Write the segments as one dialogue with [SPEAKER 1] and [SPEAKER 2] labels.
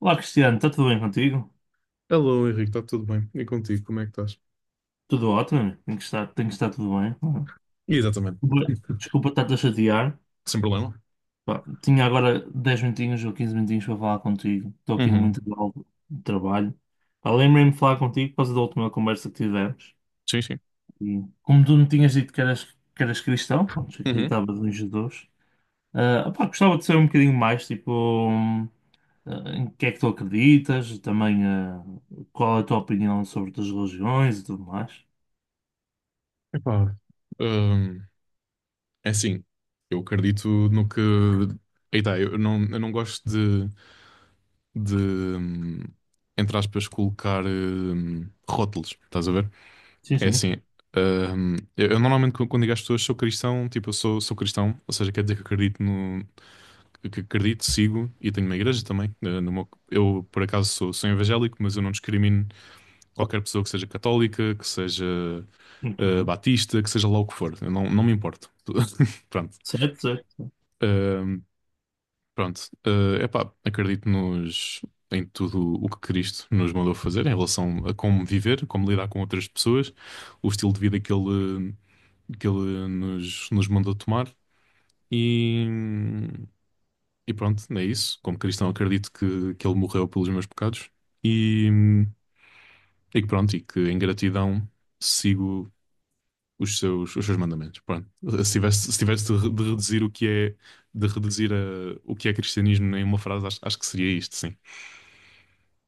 [SPEAKER 1] Olá, Cristiano, está tudo bem contigo?
[SPEAKER 2] Alô, Henrique, está tudo bem? E contigo, como é que estás?
[SPEAKER 1] Tudo ótimo, amigo. Tem que estar tudo bem.
[SPEAKER 2] Exatamente.
[SPEAKER 1] Desculpa desculpa estar-te a chatear.
[SPEAKER 2] Sem problema.
[SPEAKER 1] Pá, tinha agora 10 minutinhos ou 15 minutinhos para falar contigo. Estou aqui no
[SPEAKER 2] Uhum.
[SPEAKER 1] muito de trabalho. Pá, lembrei-me de falar contigo por causa da última conversa que tivemos.
[SPEAKER 2] Sim, sim.
[SPEAKER 1] E como tu me tinhas dito que eras, cristão, pronto, que
[SPEAKER 2] Uhum.
[SPEAKER 1] acreditavas em Jesus, pá, gostava de saber um bocadinho mais, tipo, em que é que tu acreditas, e também qual é a tua opinião sobre outras religiões e tudo mais.
[SPEAKER 2] Epá, Hum, é assim, eu acredito no que. Eita, eu não gosto de, hum, entre aspas, colocar rótulos, estás a ver?
[SPEAKER 1] Sim,
[SPEAKER 2] É
[SPEAKER 1] sim.
[SPEAKER 2] assim, eu normalmente quando digo às pessoas sou cristão, tipo, eu sou cristão, ou seja, quer dizer que acredito no, que acredito, sigo e tenho uma igreja também. Eh, no meu- eu, por acaso, sou evangélico, mas eu não discrimino qualquer pessoa que seja católica, que seja
[SPEAKER 1] Muito
[SPEAKER 2] eh,
[SPEAKER 1] bem.
[SPEAKER 2] batista, que seja lá o que for. Eu não, não me importo. Pronto.
[SPEAKER 1] Certo, certo.
[SPEAKER 2] Ahm, Pronto. Eh, epá, em tudo o que Cristo nos mandou fazer em relação a como viver, como lidar com outras pessoas, o estilo de vida que ele nos, nos mandou tomar. E, E pronto, é isso. Como cristão, acredito que ele morreu pelos meus pecados. E, e que pronto, e que em gratidão sigo os seus mandamentos. Pronto. Se tivesse de reduzir o que é, de reduzir a- o que é cristianismo em uma frase, acho que seria isto, sim.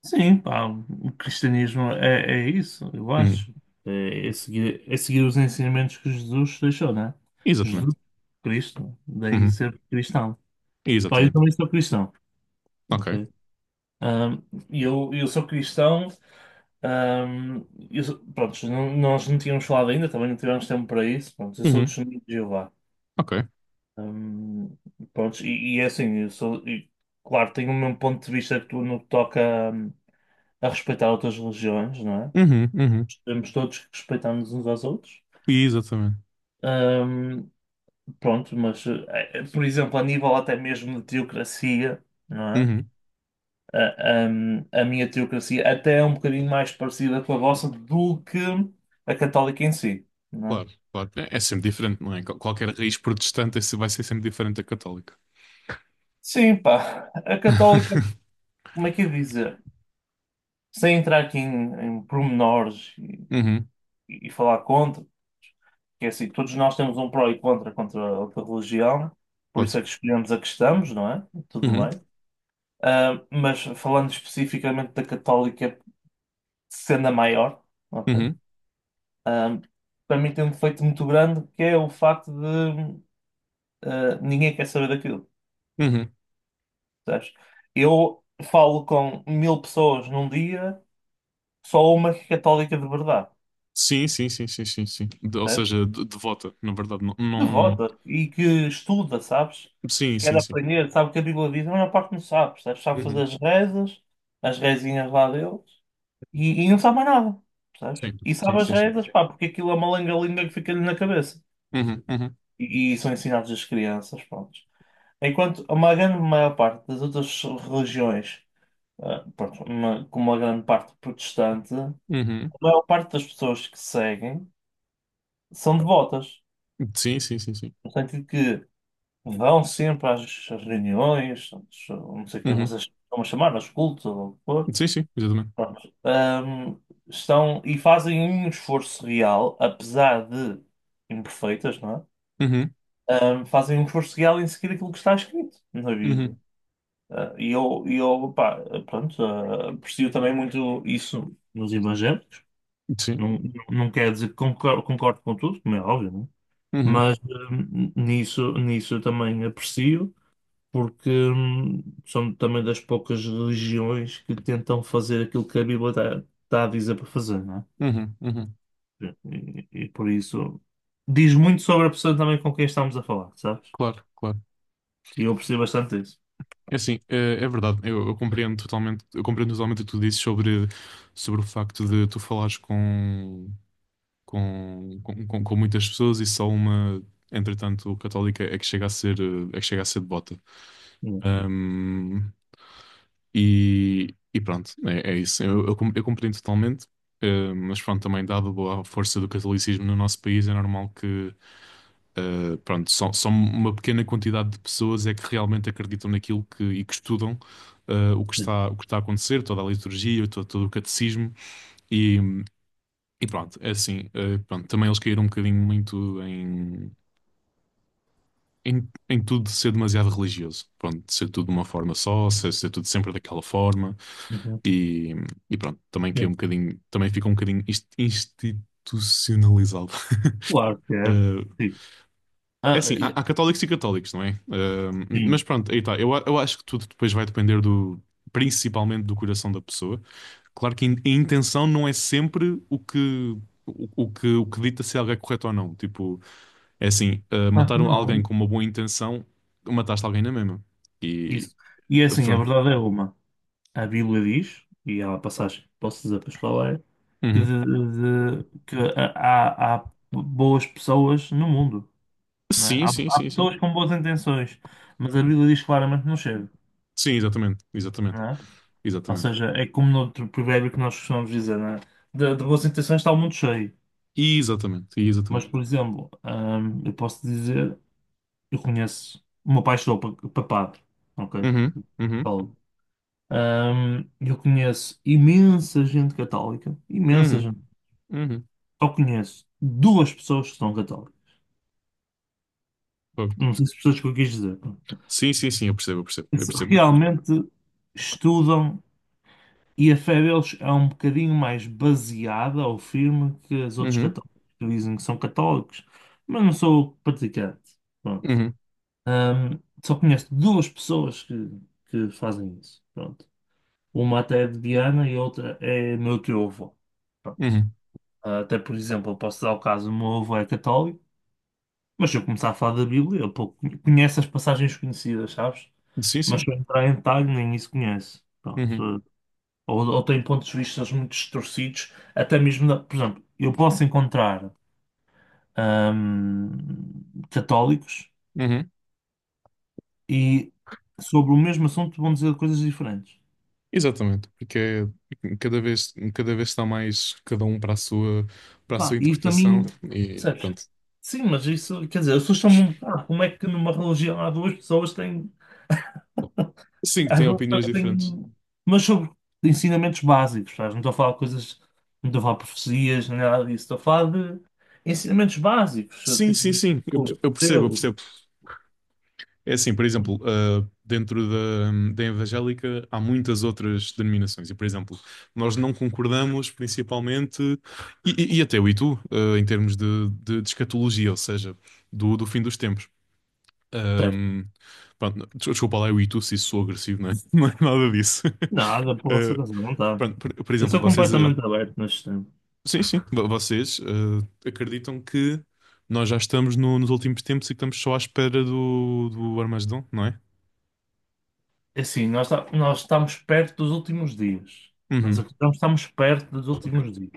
[SPEAKER 1] Sim, pá, o cristianismo é isso, eu
[SPEAKER 2] Uhum.
[SPEAKER 1] acho. É seguir, é seguir os ensinamentos que Jesus deixou, né? Jesus,
[SPEAKER 2] Exatamente.
[SPEAKER 1] Cristo, daí
[SPEAKER 2] Uhum.
[SPEAKER 1] ser cristão. Pá, eu
[SPEAKER 2] Exatamente.
[SPEAKER 1] também sou cristão,
[SPEAKER 2] Ok.
[SPEAKER 1] ok? Ahm, e eu sou cristão, ahm, pronto, nós não tínhamos falado ainda, também não tivemos tempo para isso, pronto, eu sou
[SPEAKER 2] Uhum.
[SPEAKER 1] testemunho de Jeová.
[SPEAKER 2] Ok.
[SPEAKER 1] Ahm, Pronto, e é assim, eu sou, e, claro, tenho o mesmo ponto de vista que tu no que toca a respeitar outras religiões, não é?
[SPEAKER 2] Uhum. Uhum.
[SPEAKER 1] Temos todos que respeitar-nos uns aos outros.
[SPEAKER 2] Exatamente.
[SPEAKER 1] Ahm, Pronto, mas, por exemplo, a nível até mesmo de teocracia, não é?
[SPEAKER 2] Uhum.
[SPEAKER 1] A minha teocracia até é um bocadinho mais parecida com a vossa do que a católica em si, não é?
[SPEAKER 2] Claro, claro. É sempre diferente, não é? Qualquer raiz protestante é se vai ser sempre diferente da católica.
[SPEAKER 1] Sim, pá, a católica, como é que eu ia dizer? Sem entrar aqui em pormenores
[SPEAKER 2] Uhum.
[SPEAKER 1] e falar contra. Que é assim, todos nós temos um pró e contra contra a outra religião, por
[SPEAKER 2] Pode.
[SPEAKER 1] isso é que escolhemos a que estamos, não é? Tudo
[SPEAKER 2] Uhum.
[SPEAKER 1] bem. Mas falando especificamente da católica, sendo a maior, ok?
[SPEAKER 2] Uhum,
[SPEAKER 1] Ah, Para mim tem um defeito muito grande que é o facto de ninguém quer saber daquilo.
[SPEAKER 2] uhum.
[SPEAKER 1] Sabes? Eu falo com 1000 pessoas num dia, só uma que é católica de verdade.
[SPEAKER 2] Sim, sim, sim, sim, sim, sim. Ou
[SPEAKER 1] Percebes?
[SPEAKER 2] seja, devota, na verdade, não.
[SPEAKER 1] Devota e que estuda, sabes?
[SPEAKER 2] Sim,
[SPEAKER 1] Quer
[SPEAKER 2] sim, sim.
[SPEAKER 1] aprender, sabe o que a Bíblia diz, a maior parte não sabe, sabes? Sabe fazer
[SPEAKER 2] Uhum.
[SPEAKER 1] as rezas, as rezinhas lá deles e não sabe mais nada, sabes?
[SPEAKER 2] Sim,
[SPEAKER 1] E
[SPEAKER 2] sim,
[SPEAKER 1] sabe as
[SPEAKER 2] sim, sim.
[SPEAKER 1] rezas, pá, porque aquilo é uma lenga-linga que fica-lhe na cabeça.
[SPEAKER 2] Uhum, uhum,
[SPEAKER 1] E são ensinados às crianças, pronto. Enquanto uma grande maior parte das outras religiões, pronto, uma, como uma grande parte protestante, a
[SPEAKER 2] uhum.
[SPEAKER 1] maior parte das pessoas que seguem são devotas,
[SPEAKER 2] Sim, sim, sim, sim.
[SPEAKER 1] no sentido que vão sempre às reuniões, não sei como é que
[SPEAKER 2] Uhum.
[SPEAKER 1] vocês estão a chamar, aos cultos ou o que for.
[SPEAKER 2] Sim, sim, exatamente.
[SPEAKER 1] Pronto. Estão e fazem um esforço real, apesar de imperfeitas, não
[SPEAKER 2] Uhum,
[SPEAKER 1] é? Fazem um esforço real em seguir aquilo que está escrito na Bíblia.
[SPEAKER 2] uhum.
[SPEAKER 1] E eu, pá, pronto, aprecio também muito isso nos evangélicos.
[SPEAKER 2] Sim.
[SPEAKER 1] Não, não quer dizer que concordo com tudo, como é óbvio, não é?
[SPEAKER 2] Uhum,
[SPEAKER 1] Mas nisso eu também aprecio. Porque são também das poucas religiões que tentam fazer aquilo que a Bíblia está a dizer para fazer, não
[SPEAKER 2] uhum, uhum.
[SPEAKER 1] é? E por isso diz muito sobre a pessoa também com quem estamos a falar, sabes?
[SPEAKER 2] Claro, claro.
[SPEAKER 1] E eu percebo bastante isso.
[SPEAKER 2] É assim, é verdade. Eu compreendo totalmente, eu compreendo totalmente o que tu dizes sobre o facto de tu falares com muitas pessoas e só uma, entretanto, católica é que chega a ser, eh, é que chega a ser devota.
[SPEAKER 1] Uhum.
[SPEAKER 2] Um, e pronto, é isso. Eu compreendo totalmente, mas pronto, também dado a força do catolicismo no nosso país, é normal que, pronto, só uma pequena quantidade de pessoas é que realmente acreditam naquilo que, e que estudam, o que está a acontecer, toda a liturgia, todo o catecismo, e, e pronto, é assim. Pronto, também eles caíram um bocadinho muito em tudo ser demasiado religioso. Pronto, ser tudo de uma forma só, ser tudo sempre daquela forma.
[SPEAKER 1] Uhum.
[SPEAKER 2] E, e pronto, também que é um
[SPEAKER 1] Sim.
[SPEAKER 2] bocadinho, também fica um bocadinho institucionalizado.
[SPEAKER 1] Claro que é.
[SPEAKER 2] Eh,
[SPEAKER 1] Sim.
[SPEAKER 2] é
[SPEAKER 1] Ah,
[SPEAKER 2] assim, há,
[SPEAKER 1] e-
[SPEAKER 2] há católicos e católicos, não é? Eh, mas
[SPEAKER 1] sim.
[SPEAKER 2] pronto, aí está. Eu acho que tudo depois vai depender principalmente do coração da pessoa. Claro que a intenção não é sempre o que, o que dita se algo é correto ou não. Tipo, é assim, eh,
[SPEAKER 1] Claro que
[SPEAKER 2] matar
[SPEAKER 1] não.
[SPEAKER 2] alguém com uma boa intenção, mataste alguém na mesma. E
[SPEAKER 1] Isso. E é
[SPEAKER 2] eh,
[SPEAKER 1] assim, a
[SPEAKER 2] pronto.
[SPEAKER 1] verdade é uma. A Bíblia diz, e há uma passagem que posso dizer para a escola, é que,
[SPEAKER 2] Uhum.
[SPEAKER 1] de- de- que há boas pessoas no mundo, não é?
[SPEAKER 2] Sim,
[SPEAKER 1] Há,
[SPEAKER 2] sim,
[SPEAKER 1] há
[SPEAKER 2] sim, sim.
[SPEAKER 1] pessoas com boas intenções, mas a Bíblia diz claramente que não chega,
[SPEAKER 2] Sim, exatamente, exatamente,
[SPEAKER 1] não é? Ou
[SPEAKER 2] exatamente.
[SPEAKER 1] seja, é como no outro provérbio que nós costumamos dizer, não é? De boas intenções está o mundo cheio.
[SPEAKER 2] Exatamente,
[SPEAKER 1] Mas,
[SPEAKER 2] exatamente.
[SPEAKER 1] por exemplo, eu posso dizer, eu conheço, o meu pai estudou para padre, ok?
[SPEAKER 2] Uhum, uhum,
[SPEAKER 1] Eu conheço imensa gente católica, imensa
[SPEAKER 2] uhum,
[SPEAKER 1] gente.
[SPEAKER 2] uhum.
[SPEAKER 1] Só conheço duas pessoas que são católicas.
[SPEAKER 2] Fogo.
[SPEAKER 1] Não sei se pessoas que eu quis dizer.
[SPEAKER 2] Sim, sim, sim, eu percebo, eu percebo, eu
[SPEAKER 1] Eles
[SPEAKER 2] percebo.
[SPEAKER 1] realmente estudam e a fé deles é um bocadinho mais baseada ou firme que as outros
[SPEAKER 2] Uhum,
[SPEAKER 1] católicos que dizem que são católicos, mas não sou praticante. Pronto.
[SPEAKER 2] uhum,
[SPEAKER 1] Ahm, Só conheço duas pessoas que fazem isso. Pronto. Uma até é de Viana e outra é meu teu avô. Pronto.
[SPEAKER 2] uhum.
[SPEAKER 1] Até, por exemplo, eu posso dar o caso, o meu avô é católico, mas se eu começar a falar da Bíblia, ele pouco conhece as passagens conhecidas, sabes?
[SPEAKER 2] Sim,
[SPEAKER 1] Mas
[SPEAKER 2] sim.
[SPEAKER 1] se eu entrar em detalhe, nem isso conhece.
[SPEAKER 2] Uhum,
[SPEAKER 1] Pronto. Ou tem pontos de vista muito distorcidos, até mesmo, por exemplo, eu posso encontrar ahm, católicos
[SPEAKER 2] uhum.
[SPEAKER 1] e sobre o mesmo assunto vão dizer coisas diferentes.
[SPEAKER 2] Exatamente, porque cada vez está mais cada um para a
[SPEAKER 1] Pá,
[SPEAKER 2] sua
[SPEAKER 1] e para
[SPEAKER 2] interpretação
[SPEAKER 1] mim,
[SPEAKER 2] e
[SPEAKER 1] percebes?
[SPEAKER 2] pronto.
[SPEAKER 1] Sim, mas isso, quer dizer, as pessoas são, como é que numa religião há duas pessoas que têm
[SPEAKER 2] Sim, que
[SPEAKER 1] às
[SPEAKER 2] tem
[SPEAKER 1] vezes
[SPEAKER 2] opiniões diferentes.
[SPEAKER 1] tem, mas sobre ensinamentos básicos, sabes? Não estou a falar de coisas, não estou a falar de profecias, nem nada disso, estou a falar de ensinamentos básicos,
[SPEAKER 2] Sim,
[SPEAKER 1] tipo
[SPEAKER 2] sim,
[SPEAKER 1] de
[SPEAKER 2] sim, eu,
[SPEAKER 1] oh,
[SPEAKER 2] eu percebo, eu
[SPEAKER 1] Deus,
[SPEAKER 2] percebo. É assim, por exemplo, ah, dentro da evangélica há muitas outras denominações e, por exemplo, nós não concordamos principalmente, e até eu e tu, ah, em termos de escatologia, ou seja, do fim dos tempos.
[SPEAKER 1] certo?
[SPEAKER 2] Ahm, Pronto, desculpa lá, eu e tu, se isso sou agressivo, não é? Não é nada disso.
[SPEAKER 1] Nada, por vossa
[SPEAKER 2] Ah,
[SPEAKER 1] razão, não está.
[SPEAKER 2] pronto, por
[SPEAKER 1] Eu
[SPEAKER 2] exemplo,
[SPEAKER 1] sou
[SPEAKER 2] vocês. Ah,
[SPEAKER 1] completamente aberto neste tempo.
[SPEAKER 2] Sim, sim. Vocês eh, acreditam que nós já estamos nos últimos tempos e que estamos só à espera do Armagedon, não é?
[SPEAKER 1] É assim, nós estamos perto dos últimos dias. Nós
[SPEAKER 2] Uhum.
[SPEAKER 1] acreditamos que estamos perto dos últimos dias.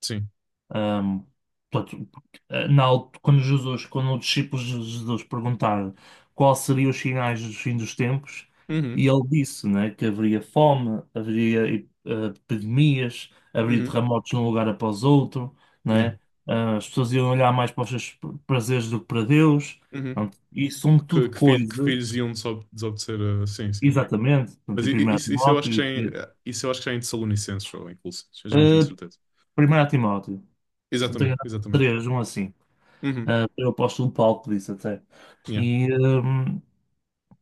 [SPEAKER 2] Sim.
[SPEAKER 1] Ahm, Portanto, quando Jesus, quando os discípulos de Jesus perguntaram quais seriam os sinais dos fins dos tempos,
[SPEAKER 2] Uhum.
[SPEAKER 1] e ele disse, né, que haveria fome, haveria epidemias, haveria
[SPEAKER 2] Uhum.
[SPEAKER 1] terremotos de um lugar após outro,
[SPEAKER 2] Yeah.
[SPEAKER 1] né? As pessoas iam olhar mais para os seus prazeres do que para Deus.
[SPEAKER 2] Uhum.
[SPEAKER 1] Portanto, e são
[SPEAKER 2] Que,
[SPEAKER 1] tudo
[SPEAKER 2] que, filho- que
[SPEAKER 1] coisas,
[SPEAKER 2] filhos iam desobedecer a... Sim, sim, sim.
[SPEAKER 1] exatamente, portanto,
[SPEAKER 2] Mas
[SPEAKER 1] em
[SPEAKER 2] i- i-
[SPEAKER 1] primeiro
[SPEAKER 2] isso, isso eu acho
[SPEAKER 1] Timóteo,
[SPEAKER 2] que já
[SPEAKER 1] isso,
[SPEAKER 2] é, isso eu acho que já é em Tessalonicenses ou em Colossenses. Eu já não tenho
[SPEAKER 1] eh,
[SPEAKER 2] certeza.
[SPEAKER 1] 1 Timóteo, se não tenho
[SPEAKER 2] Exatamente,
[SPEAKER 1] errado,
[SPEAKER 2] exatamente.
[SPEAKER 1] 3, um assim.
[SPEAKER 2] Uhum.
[SPEAKER 1] Eu posto um palco disso até.
[SPEAKER 2] Yeah.
[SPEAKER 1] E, hum,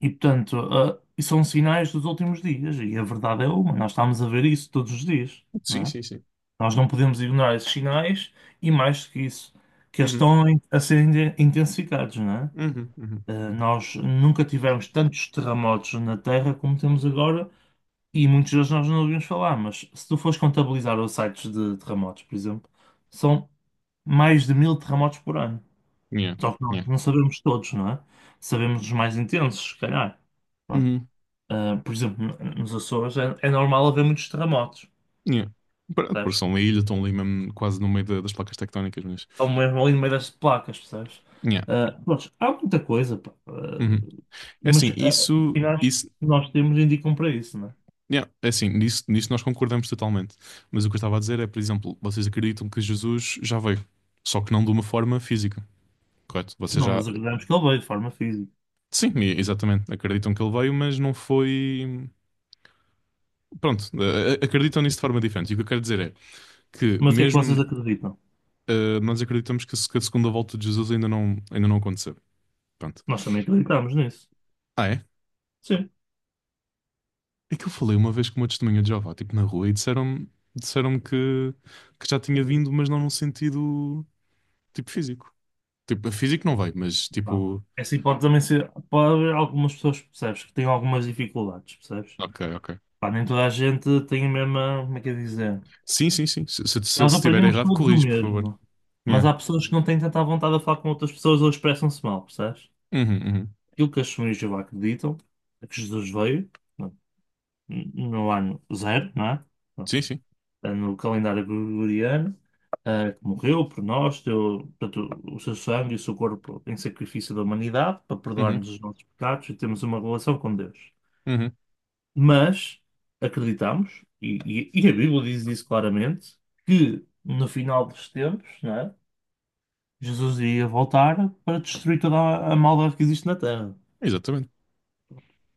[SPEAKER 1] e portanto, e são sinais dos últimos dias, e a verdade é uma, nós estamos a ver isso todos os dias,
[SPEAKER 2] Sim,
[SPEAKER 1] não é?
[SPEAKER 2] sim, sim.
[SPEAKER 1] Nós não podemos ignorar esses sinais e mais do que isso, que eles
[SPEAKER 2] Uhum.
[SPEAKER 1] estão a ser intensificados, não é?
[SPEAKER 2] Uhum. Uhum.
[SPEAKER 1] Nós nunca tivemos tantos terremotos na Terra como temos agora, e muitos deles nós não ouvimos falar, mas se tu fores contabilizar os sites de terremotos, por exemplo, são mais de 1000 terremotos por ano.
[SPEAKER 2] Yeah.
[SPEAKER 1] Só que nós
[SPEAKER 2] Yeah.
[SPEAKER 1] não sabemos todos, não é? Sabemos os mais intensos, se calhar. Pronto.
[SPEAKER 2] Uhum.
[SPEAKER 1] Por exemplo, nos Açores é normal haver muitos terremotos,
[SPEAKER 2] Yeah. Pronto, porque
[SPEAKER 1] percebes?
[SPEAKER 2] são uma ilha, estão ali mesmo quase no meio das placas tectónicas, mas...
[SPEAKER 1] Ou mesmo ali no meio das placas, percebes?
[SPEAKER 2] yeah.
[SPEAKER 1] Pronto, há muita coisa, pá.
[SPEAKER 2] Uhum. É
[SPEAKER 1] Mas
[SPEAKER 2] assim,
[SPEAKER 1] os
[SPEAKER 2] isso,
[SPEAKER 1] sinais
[SPEAKER 2] isso,
[SPEAKER 1] que nós temos indicam para isso, não é?
[SPEAKER 2] yeah, é assim, nisso, nisso nós concordamos totalmente. Mas o que eu estava a dizer é, por exemplo, vocês acreditam que Jesus já veio, só que não de uma forma física, correto? Vocês
[SPEAKER 1] Não
[SPEAKER 2] já,
[SPEAKER 1] nos acreditamos que ele veio de forma física.
[SPEAKER 2] sim, exatamente, acreditam que ele veio, mas não foi. Pronto, acreditam nisso de forma diferente. E o que eu quero dizer é que,
[SPEAKER 1] Mas o que é que vocês
[SPEAKER 2] mesmo
[SPEAKER 1] acreditam?
[SPEAKER 2] eh, nós acreditamos que a se- que a segunda volta de Jesus ainda não aconteceu. Pronto.
[SPEAKER 1] Nós também acreditamos nisso.
[SPEAKER 2] Ah, é?
[SPEAKER 1] Sim.
[SPEAKER 2] É que eu falei uma vez com uma testemunha de Jeová, tipo, na rua, e disseram-me disseram-me que já tinha vindo, mas não num sentido, tipo, físico. Tipo, físico não vai, mas,
[SPEAKER 1] Pá,
[SPEAKER 2] tipo...
[SPEAKER 1] essa hipótese também ser. Pode haver algumas pessoas, percebes, que têm algumas dificuldades, percebes?
[SPEAKER 2] Ok, ok.
[SPEAKER 1] Pá, nem toda a gente tem a mesma, como é que é dizer?
[SPEAKER 2] Sim, sim, sim. Se
[SPEAKER 1] Nós
[SPEAKER 2] estiver
[SPEAKER 1] aprendemos
[SPEAKER 2] errado,
[SPEAKER 1] todos o
[SPEAKER 2] corrige, por favor.
[SPEAKER 1] mesmo, mas
[SPEAKER 2] Yeah.
[SPEAKER 1] há pessoas que não têm tanta vontade de falar com outras pessoas ou expressam-se mal, percebes?
[SPEAKER 2] Uhum, uhum.
[SPEAKER 1] Aquilo que as famílias de Jeová acreditam é que Jesus veio não, no ano zero, não é?
[SPEAKER 2] Sim,
[SPEAKER 1] Pronto.
[SPEAKER 2] sim.
[SPEAKER 1] É no calendário gregoriano, que morreu por nós, deu, portanto, o seu sangue e o seu corpo em sacrifício da humanidade para
[SPEAKER 2] Uhum,
[SPEAKER 1] perdoar-nos os nossos pecados e termos uma relação com Deus.
[SPEAKER 2] uhum.
[SPEAKER 1] Mas acreditamos, e a Bíblia diz isso claramente, que no final dos tempos, não é? Jesus iria voltar para destruir toda a maldade que existe na Terra.
[SPEAKER 2] Exatamente.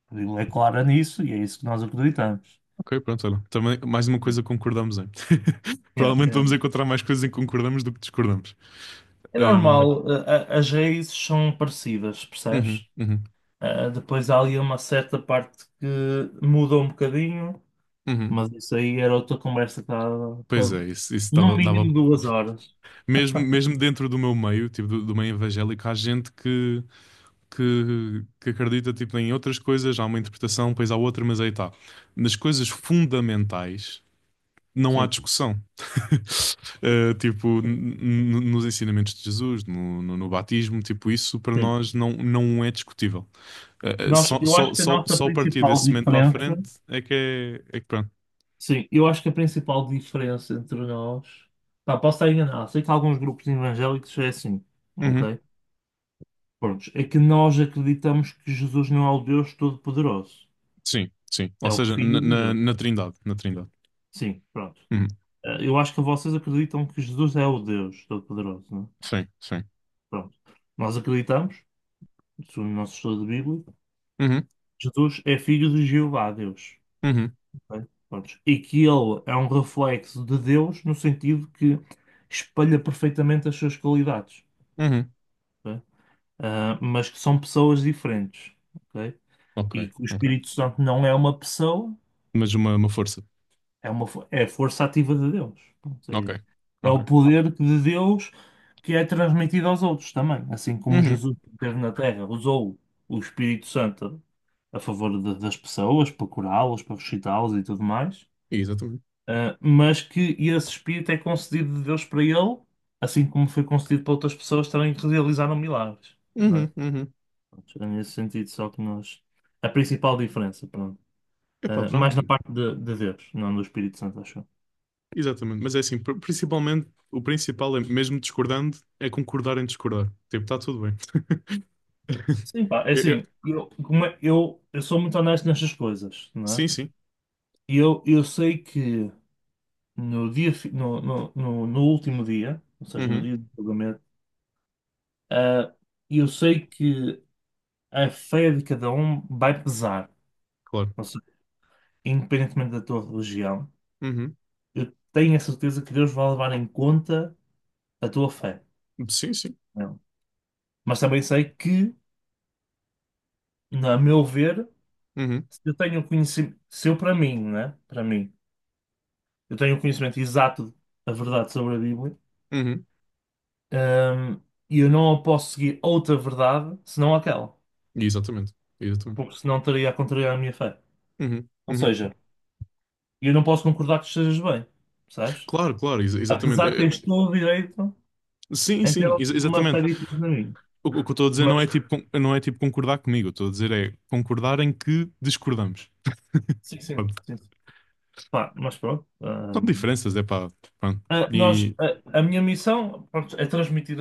[SPEAKER 1] A Bíblia é clara nisso e é isso que nós acreditamos.
[SPEAKER 2] Ok, pronto, olha. Também, mais uma coisa que concordamos em.
[SPEAKER 1] Yeah,
[SPEAKER 2] Provavelmente
[SPEAKER 1] yeah.
[SPEAKER 2] vamos encontrar mais coisas em que concordamos do que discordamos.
[SPEAKER 1] É
[SPEAKER 2] Ahm,
[SPEAKER 1] normal, as raízes são parecidas,
[SPEAKER 2] uhum,
[SPEAKER 1] percebes?
[SPEAKER 2] uhum,
[SPEAKER 1] Depois há ali uma certa parte que muda um bocadinho,
[SPEAKER 2] uhum.
[SPEAKER 1] mas isso aí era outra conversa que dava
[SPEAKER 2] Pois
[SPEAKER 1] para,
[SPEAKER 2] é, isso, isso dava,
[SPEAKER 1] no
[SPEAKER 2] dava-
[SPEAKER 1] mínimo 2 horas.
[SPEAKER 2] Mesmo, mesmo dentro do meu meio, tipo, do meio evangélico, há gente que acredita, tipo, em outras coisas, há uma interpretação, depois há outra, mas aí está. Nas coisas fundamentais não há
[SPEAKER 1] Sim,
[SPEAKER 2] discussão. Eh, tipo, nos ensinamentos de Jesus, no batismo, tipo, isso para
[SPEAKER 1] sim.
[SPEAKER 2] nós não é discutível. Eh,
[SPEAKER 1] Nós,
[SPEAKER 2] só,
[SPEAKER 1] eu
[SPEAKER 2] só,
[SPEAKER 1] acho que a
[SPEAKER 2] só,
[SPEAKER 1] nossa
[SPEAKER 2] só a partir
[SPEAKER 1] principal
[SPEAKER 2] desse momento para a
[SPEAKER 1] diferença,
[SPEAKER 2] frente é é que pronto.
[SPEAKER 1] sim, eu acho que a principal diferença entre nós, pá, posso estar enganado, sei que alguns grupos evangélicos é assim,
[SPEAKER 2] Uhum.
[SPEAKER 1] ok? Pronto, é que nós acreditamos que Jesus não é o Deus Todo-Poderoso,
[SPEAKER 2] Sim, sim. Ou
[SPEAKER 1] é o
[SPEAKER 2] seja,
[SPEAKER 1] Filho
[SPEAKER 2] na,
[SPEAKER 1] de
[SPEAKER 2] na, na
[SPEAKER 1] Deus.
[SPEAKER 2] Trindade, na Trindade.
[SPEAKER 1] Sim, pronto.
[SPEAKER 2] Uhum.
[SPEAKER 1] Eu acho que vocês acreditam que Jesus é o Deus Todo-Poderoso, não é?
[SPEAKER 2] Sim, sim.
[SPEAKER 1] Pronto. Nós acreditamos, segundo o nosso estudo de Bíblia,
[SPEAKER 2] Uhum.
[SPEAKER 1] Jesus é filho de Jeová, Deus.
[SPEAKER 2] Uhum,
[SPEAKER 1] Bem, prontos. E que ele é um reflexo de Deus no sentido que espelha perfeitamente as suas qualidades,
[SPEAKER 2] uhum.
[SPEAKER 1] ok? Mas que são pessoas diferentes, ok?
[SPEAKER 2] Ok,
[SPEAKER 1] E que o
[SPEAKER 2] ok.
[SPEAKER 1] Espírito Santo não é uma pessoa,
[SPEAKER 2] Mas uma força.
[SPEAKER 1] é a força ativa de Deus. Pronto,
[SPEAKER 2] Ok,
[SPEAKER 1] é
[SPEAKER 2] ok.
[SPEAKER 1] o poder de Deus que é transmitido aos outros também, assim como
[SPEAKER 2] Uhum,
[SPEAKER 1] Jesus que esteve na Terra usou o Espírito Santo a favor das pessoas para curá-las, para ressuscitá-las e tudo mais.
[SPEAKER 2] exatamente.
[SPEAKER 1] Mas que esse espírito é concedido de Deus para ele, assim como foi concedido para outras pessoas também que realizaram milagres, não é?
[SPEAKER 2] Uhum, uhum.
[SPEAKER 1] Pronto, é nesse sentido, só que nós. A principal diferença, pronto.
[SPEAKER 2] Epá,
[SPEAKER 1] Mais na
[SPEAKER 2] pronto.
[SPEAKER 1] parte de Deus, não do Espírito Santo, acho eu.
[SPEAKER 2] Exatamente. Mas é assim, principalmente, o principal é, mesmo discordando, é concordar em discordar. Tipo, está tudo bem.
[SPEAKER 1] Sim, pá, é
[SPEAKER 2] Eu- eu-
[SPEAKER 1] assim, eu, eu sou muito honesto nestas coisas, não é?
[SPEAKER 2] sim, sim.
[SPEAKER 1] E eu sei que no último dia, ou seja, no
[SPEAKER 2] Uhum,
[SPEAKER 1] dia do julgamento, uh, eu sei que a fé de cada um vai pesar.
[SPEAKER 2] claro.
[SPEAKER 1] Independentemente da tua religião,
[SPEAKER 2] Uhum.
[SPEAKER 1] eu tenho a certeza que Deus vai levar em conta a tua fé.
[SPEAKER 2] Sim, sim.
[SPEAKER 1] Não? É? Mas também sei que, na a meu ver,
[SPEAKER 2] Uhum,
[SPEAKER 1] se eu tenho conhecimento, se eu para mim, né? Para mim, eu tenho o conhecimento exato da verdade sobre a Bíblia,
[SPEAKER 2] uhum.
[SPEAKER 1] hum, e eu não posso seguir outra verdade senão aquela,
[SPEAKER 2] Exatamente. Exatamente.
[SPEAKER 1] porque senão estaria a contrariar a minha fé.
[SPEAKER 2] Uhum,
[SPEAKER 1] Ou
[SPEAKER 2] uhum.
[SPEAKER 1] seja, eu não posso concordar que estejas bem, percebes?
[SPEAKER 2] Claro, claro, exatamente.
[SPEAKER 1] Apesar de teres todo o direito
[SPEAKER 2] Sim,
[SPEAKER 1] em ter
[SPEAKER 2] sim,
[SPEAKER 1] uma fé
[SPEAKER 2] exatamente.
[SPEAKER 1] diferente na minha.
[SPEAKER 2] O que eu estou a dizer não é
[SPEAKER 1] Mas,
[SPEAKER 2] tipo, não é tipo concordar comigo, estou a dizer é concordar em que discordamos.
[SPEAKER 1] sim, sim,
[SPEAKER 2] Pronto.
[SPEAKER 1] sim. Pá, mas pronto.
[SPEAKER 2] São
[SPEAKER 1] hum,
[SPEAKER 2] diferenças, é pá. Pronto.
[SPEAKER 1] a- nós,
[SPEAKER 2] E,
[SPEAKER 1] a, a minha missão, pronto, é transmitir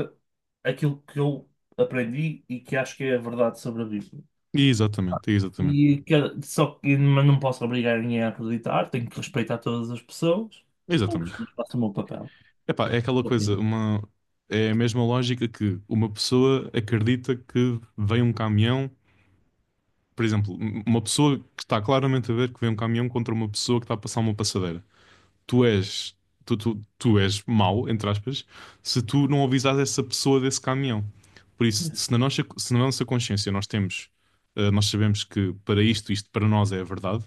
[SPEAKER 1] aquilo que eu aprendi e que acho que é a verdade sobre a Bíblia.
[SPEAKER 2] e exatamente, e exatamente.
[SPEAKER 1] E que- Só que mas não posso obrigar ninguém a acreditar, tenho que respeitar todas as pessoas. Pronto,
[SPEAKER 2] Exatamente.
[SPEAKER 1] mas faço o meu papel.
[SPEAKER 2] É pá, é aquela
[SPEAKER 1] Ok.
[SPEAKER 2] coisa, é a mesma lógica que uma pessoa acredita que vem um caminhão, por exemplo, uma pessoa que está claramente a ver que vem um caminhão contra uma pessoa que está a passar uma passadeira. tu és, tu és mau, entre aspas, se tu não avisares essa pessoa desse caminhão. Por isso, se na nossa consciência nós sabemos que para isto, isto para nós é a verdade,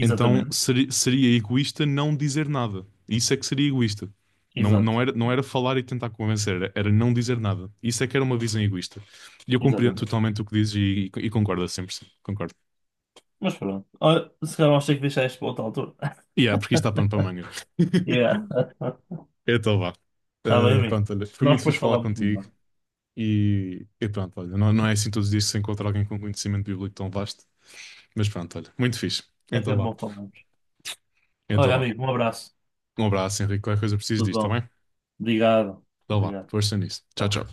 [SPEAKER 2] então seria egoísta não dizer nada. Isso é que seria egoísta. Não,
[SPEAKER 1] Exato.
[SPEAKER 2] não era falar e tentar convencer, era não dizer nada. Isso é que era uma visão egoísta. E eu compreendo
[SPEAKER 1] Exatamente.
[SPEAKER 2] totalmente o que dizes e concordo a 100%. Concordo.
[SPEAKER 1] Mas pronto. Olha, se calhar vamos ter que deixar isto para outra altura.
[SPEAKER 2] E yeah, porque isto dá pano para manga.
[SPEAKER 1] Yeah.
[SPEAKER 2] Então vá.
[SPEAKER 1] Está bem,
[SPEAKER 2] Ah,
[SPEAKER 1] amigo.
[SPEAKER 2] pronto, olha, foi
[SPEAKER 1] Nós
[SPEAKER 2] muito
[SPEAKER 1] depois
[SPEAKER 2] fixe falar
[SPEAKER 1] falamos
[SPEAKER 2] contigo
[SPEAKER 1] melhor.
[SPEAKER 2] e pronto, olha, não, não é assim todos os dias que se encontra alguém com conhecimento bíblico tão vasto, mas pronto, olha, muito fixe.
[SPEAKER 1] É
[SPEAKER 2] Então
[SPEAKER 1] sempre
[SPEAKER 2] vá.
[SPEAKER 1] bom falarmos.
[SPEAKER 2] Então
[SPEAKER 1] Olha,
[SPEAKER 2] vá.
[SPEAKER 1] amigo, um abraço.
[SPEAKER 2] Um abraço, Henrique. Qualquer coisa preciso
[SPEAKER 1] Tudo
[SPEAKER 2] disto, tá
[SPEAKER 1] bom.
[SPEAKER 2] bem?
[SPEAKER 1] Obrigado,
[SPEAKER 2] Então vá,
[SPEAKER 1] obrigado.
[SPEAKER 2] força nisso. Tchau,
[SPEAKER 1] Tchau.
[SPEAKER 2] tchau.